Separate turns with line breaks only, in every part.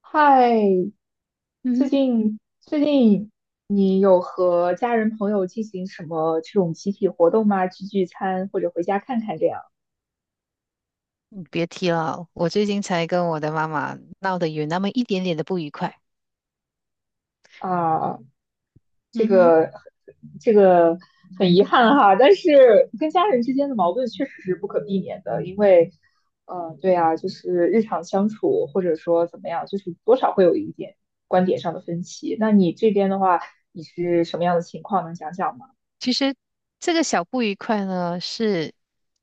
嗨，最
嗯
近最近你有和家人朋友进行什么这种集体活动吗？聚聚餐或者回家看看这样
别提了，我最近才跟我的妈妈闹得有那么一点点的不愉快。
啊？这
嗯哼。
个这个很遗憾哈，但是跟家人之间的矛盾确实是不可避免的，因为对啊，就是日常相处或者说怎么样，就是多少会有一点观点上的分歧。那你这边的话，你是什么样的情况？能讲讲吗？
其实这个小不愉快呢，是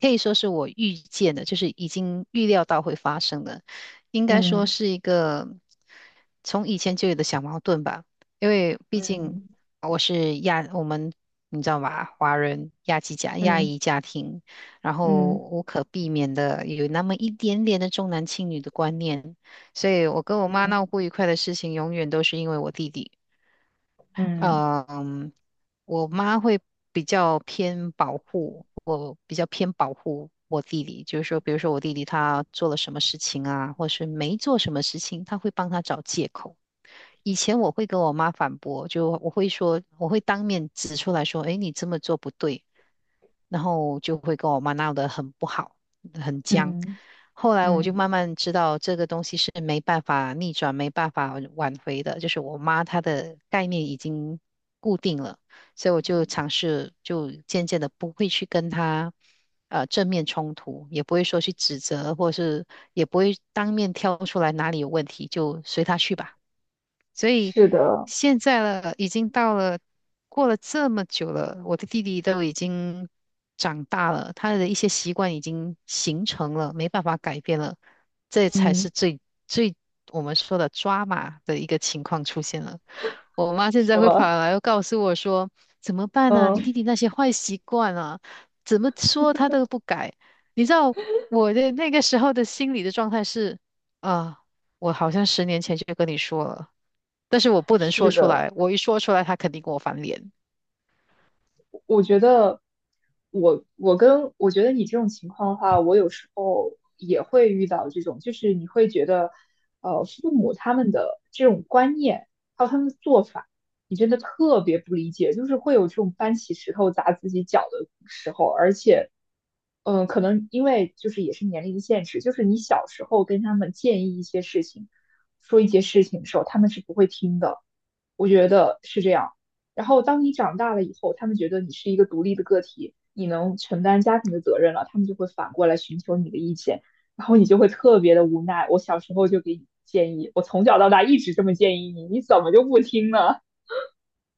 可以说是我预见的，就是已经预料到会发生的，应该说
嗯
是一个从以前就有的小矛盾吧。因为毕竟
嗯
我是亚，我们你知道吧，华人亚籍家亚
嗯
裔家庭，然后
嗯。
无可避免的有那么一点点的重男轻女的观念，所以我跟我妈闹
嗯
不愉快的事情，永远都是因为我弟弟。
嗯
嗯，我妈会我比较偏保护我弟弟，就是说，比如说我弟弟他做了什么事情啊，或是没做什么事情，他会帮他找借口。以前我会跟我妈反驳，就我会说，我会当面指出来说，诶，你这么做不对。然后就会跟我妈闹得很不好，很僵。
嗯
后来我就
嗯，
慢慢知道这个东西是没办法逆转、没办法挽回的，就是我妈她的概念已经固定了，所以我就尝试，就渐渐的不会去跟她正面冲突，也不会说去指责，或是也不会当面挑出来哪里有问题，就随她去吧。所以
是的，
现在了，已经到了。过了这么久了，我的弟弟都已经长大了，他的一些习惯已经形成了，没办法改变了，这才是
嗯，
最最我们说的抓马的一个情况出现了。我妈现在
什
会跑
么？
来又告诉我说：“怎么办呢？你弟
嗯，
弟那些坏习惯啊，怎么说他都不改。”你知道我的那个时候的心理的状态是啊，我好像10年前就跟你说了，但是我不能说
是
出
的，
来，我一说出来，他肯定跟我翻脸。
我觉得我觉得你这种情况的话，我有时候也会遇到这种，就是你会觉得，父母他们的这种观念还有他们的做法，你真的特别不理解，就是会有这种搬起石头砸自己脚的时候，而且，可能因为就是也是年龄的限制，就是你小时候跟他们建议一些事情，说一些事情的时候，他们是不会听的。我觉得是这样。然后当你长大了以后，他们觉得你是一个独立的个体，你能承担家庭的责任了，他们就会反过来寻求你的意见，然后你就会特别的无奈。我小时候就给你建议，我从小到大一直这么建议你，你怎么就不听呢？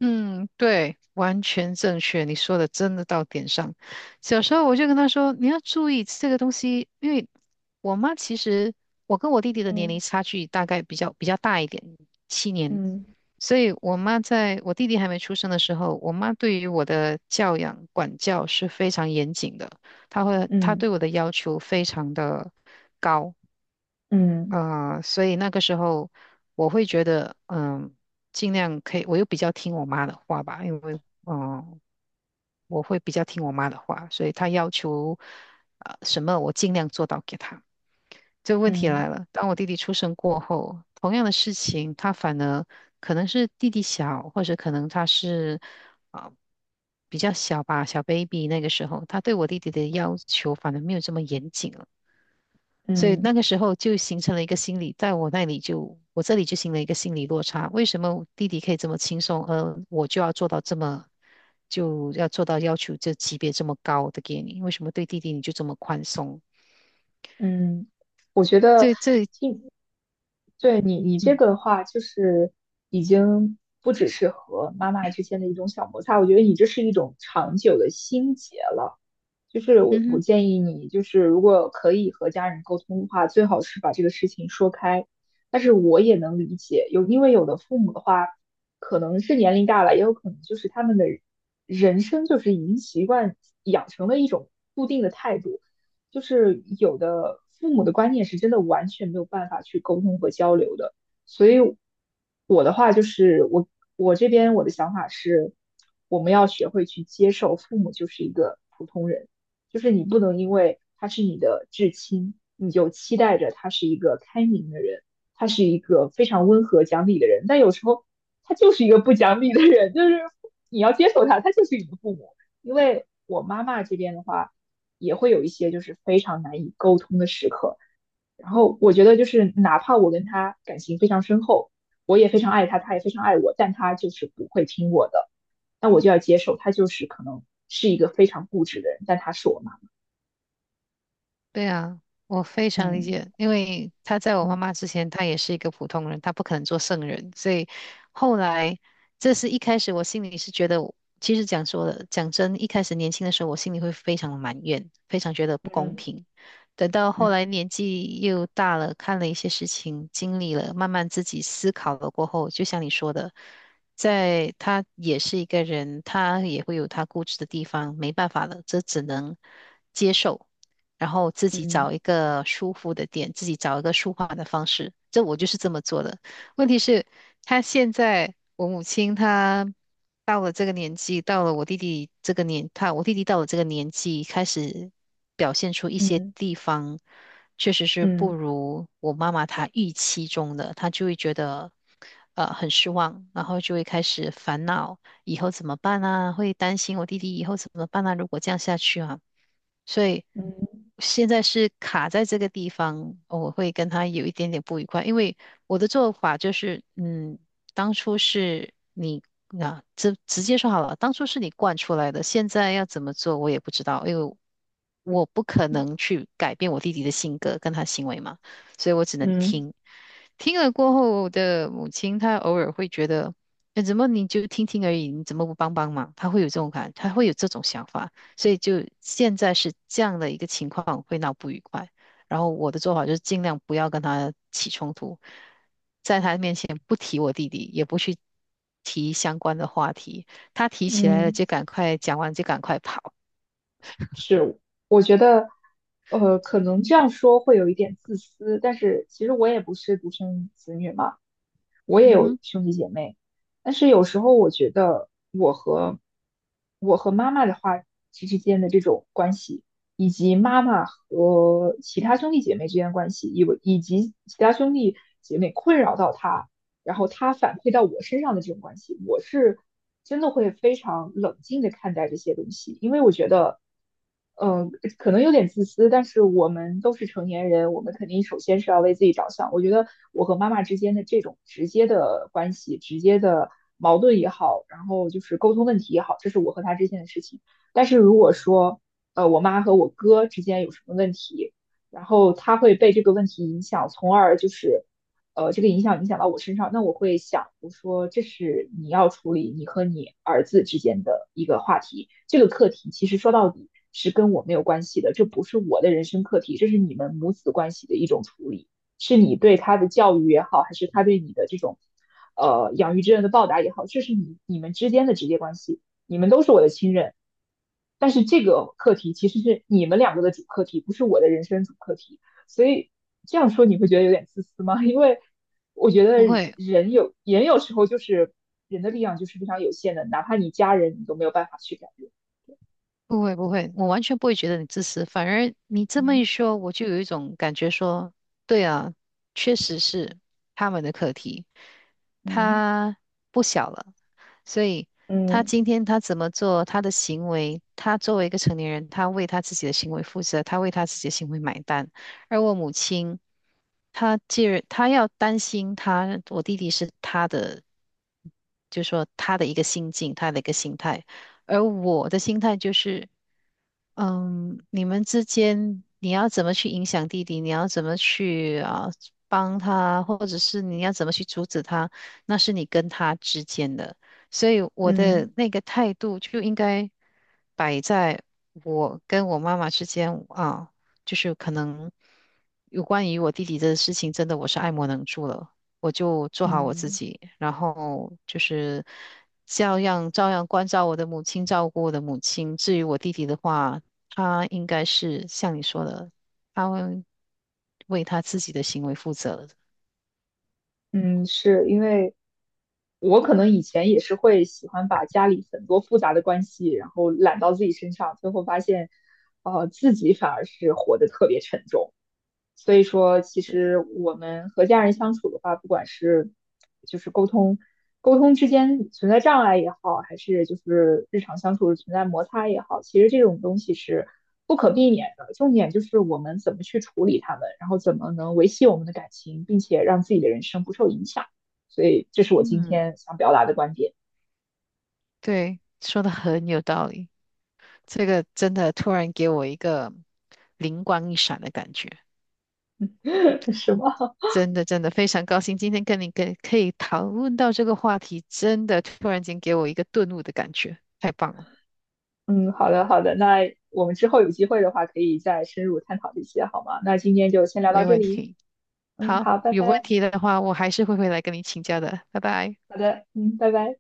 嗯，对，完全正确，你说的真的到点上。小时候我就跟他说，你要注意这个东西，因为我妈其实我跟我弟弟的年龄
嗯
差距大概比较大一点，7年，
嗯
所以我妈在我弟弟还没出生的时候，我妈对于我的教养管教是非常严谨的，她
嗯
对我的要求非常的。
嗯
所以那个时候我会觉得，嗯，尽量可以，我又比较听我妈的话吧，因为，嗯，我会比较听我妈的话，所以她要求，什么我尽量做到给她。这个问题
嗯
来了，当我弟弟出生过后，同样的事情，他反而可能是弟弟小，或者可能他是啊、呃比较小吧，小 baby 那个时候，他对我弟弟的要求反而没有这么严谨了。所以那
嗯
个时候就形成了一个心理，在我那里就，我这里就形成了一个心理落差。为什么弟弟可以这么轻松，而我就要做到这么，就要做到要求这级别这么高的给你？为什么对弟弟你就这么宽松？
嗯，我觉得
这这，
听，对你这
嗯
个的话，就是已经不只是和妈妈之间的一种小摩擦，我觉得你这是一种长久的心结了。就是我
嗯
我
哼。
建议你，就是如果可以和家人沟通的话，最好是把这个事情说开。但是我也能理解，因为有的父母的话，可能是年龄大了，也有可能就是他们的人生就是已经习惯养成了一种固定的态度，就是有的父母的观念是真的完全没有办法去沟通和交流的。所以我的话就是我这边我的想法是，我们要学会去接受父母就是一个普通人。就是你不能因为他是你的至亲，你就期待着他是一个开明的人，他是一个非常温和讲理的人，但有时候他就是一个不讲理的人，就是你要接受他，他就是你的父母。因为我妈妈这边的话，也会有一些就是非常难以沟通的时刻。然后我觉得就是哪怕我跟他感情非常深厚，我也非常爱他，他也非常爱我，但他就是不会听我的，那我就要接受他就是可能是一个非常固执的人，但他是我妈。
对啊，我非常理
嗯
解，因为他在我妈
嗯
妈之前，他也是一个普通人，他不可能做圣人，所以后来，这是一开始我心里是觉得我其实讲说的，讲真，一开始年轻的时候，我心里会非常的埋怨，非常觉得不公
嗯
平。等到后来
嗯
年纪又大了，看了一些事情，经历了，慢慢自己思考了过后，就像你说的，在他也是一个人，他也会有他固执的地方，没办法了，这只能接受。然后自己
嗯
找一个舒服的点，自己找一个舒缓的方式。这我就是这么做的。问题是，他现在我母亲她到了这个年纪，到了我弟弟这个年，她，我弟弟到了这个年纪，开始表现出一些
嗯
地方确实是不
嗯
如我妈妈她预期中的，她就会觉得。呃，很失望，然后就会开始烦恼，以后怎么办啊？会担心我弟弟以后怎么办啊？如果这样下去啊，所以
嗯
现在是卡在这个地方，我会跟他有一点点不愉快，因为我的做法就是，嗯，当初是你啊，直直接说好了，当初是你惯出来的，现在要怎么做我也不知道，因为我不可能去改变我弟弟的性格跟他行为嘛，所以我只能
嗯，
听。听了过后，我的母亲她偶尔会觉得，哎，怎么你就听听而已，你怎么不帮帮忙？她会有这种想法。所以就现在是这样的一个情况，会闹不愉快。然后我的做法就是尽量不要跟他起冲突，在他面前不提我弟弟，也不去提相关的话题。他提起来了
嗯，
就赶快讲完就赶快跑，
是，我觉得，可能这样说会有一点自私，但是其实我也不是独生子女嘛，我也
嗯
有
哼，
兄弟姐妹，但是有时候我觉得我和妈妈的话之间的这种关系，以及妈妈和其他兄弟姐妹之间的关系，以及其他兄弟姐妹困扰到他。然后他反馈到我身上的这种关系，我是真的会非常冷静的看待这些东西，因为我觉得，嗯、可能有点自私，但是我们都是成年人，我们肯定首先是要为自己着想。我觉得我和妈妈之间的这种直接的关系、直接的矛盾也好，然后就是沟通问题也好，这是我和他之间的事情。但是如果说，我妈和我哥之间有什么问题，然后他会被这个问题影响，从而就是，这个影响到我身上，那我会想，我说这是你要处理你和你儿子之间的一个话题，这个课题其实说到底是跟我没有关系的，这不是我的人生课题，这是你们母子关系的一种处理，是你对他的教育也好，还是他对你的这种，养育之恩的报答也好，这是你们之间的直接关系，你们都是我的亲人，但是这个课题其实是你们两个的主课题，不是我的人生主课题。所以这样说你会觉得有点自私吗？因为我觉得
不会，
人有时候就是人的力量就是非常有限的，哪怕你家人你都没有办法去改变。
不会不会，我完全不会觉得你自私，反而你这么一
嗯
说，我就有一种感觉说，对啊，确实是他们的课题，
嗯
他不小了，所以他
嗯
今天他怎么做，他的行为，他作为一个成年人，他为他自己的行为负责，他为他自己的行为买单，而我母亲，她既然她要担心他，我弟弟是他的，就说他的一个心境，他的一个心态。而我的心态就是，嗯，你们之间你要怎么去影响弟弟，你要怎么去帮他，或者是你要怎么去阻止他，那是你跟他之间的。所以我的
嗯
那个态度就应该摆在我跟我妈妈之间啊，就是可能有关于我弟弟的事情，真的我是爱莫能助了。我就做好我自
嗯
己，然后就是照样关照我的母亲，照顾我的母亲。至于我弟弟的话，他应该是像你说的，他会为他自己的行为负责的
嗯，是因为我可能以前也是会喜欢把家里很多复杂的关系，然后揽到自己身上，最后发现，自己反而是活得特别沉重。所以说，其
对，
实我们和家人相处的话，不管是就是沟通之间存在障碍也好，还是就是日常相处存在摩擦也好，其实这种东西是不可避免的。重点就是我们怎么去处理它们，然后怎么能维系我们的感情，并且让自己的人生不受影响。所以，这是我今
嗯，
天想表达的观点，
对，说的很有道理。这个真的突然给我一个灵光一闪的感觉，
是吗？
真的非常高兴，今天跟你可以讨论到这个话题，真的突然间给我一个顿悟的感觉，太棒了，
嗯，好的好的，那我们之后有机会的话，可以再深入探讨这些，好吗？那今天就先聊到
没
这
问
里。
题。
嗯，
好，
好，拜
有问
拜。
题的话，我还是会回来跟你请教的，拜拜。
好的，嗯，拜拜。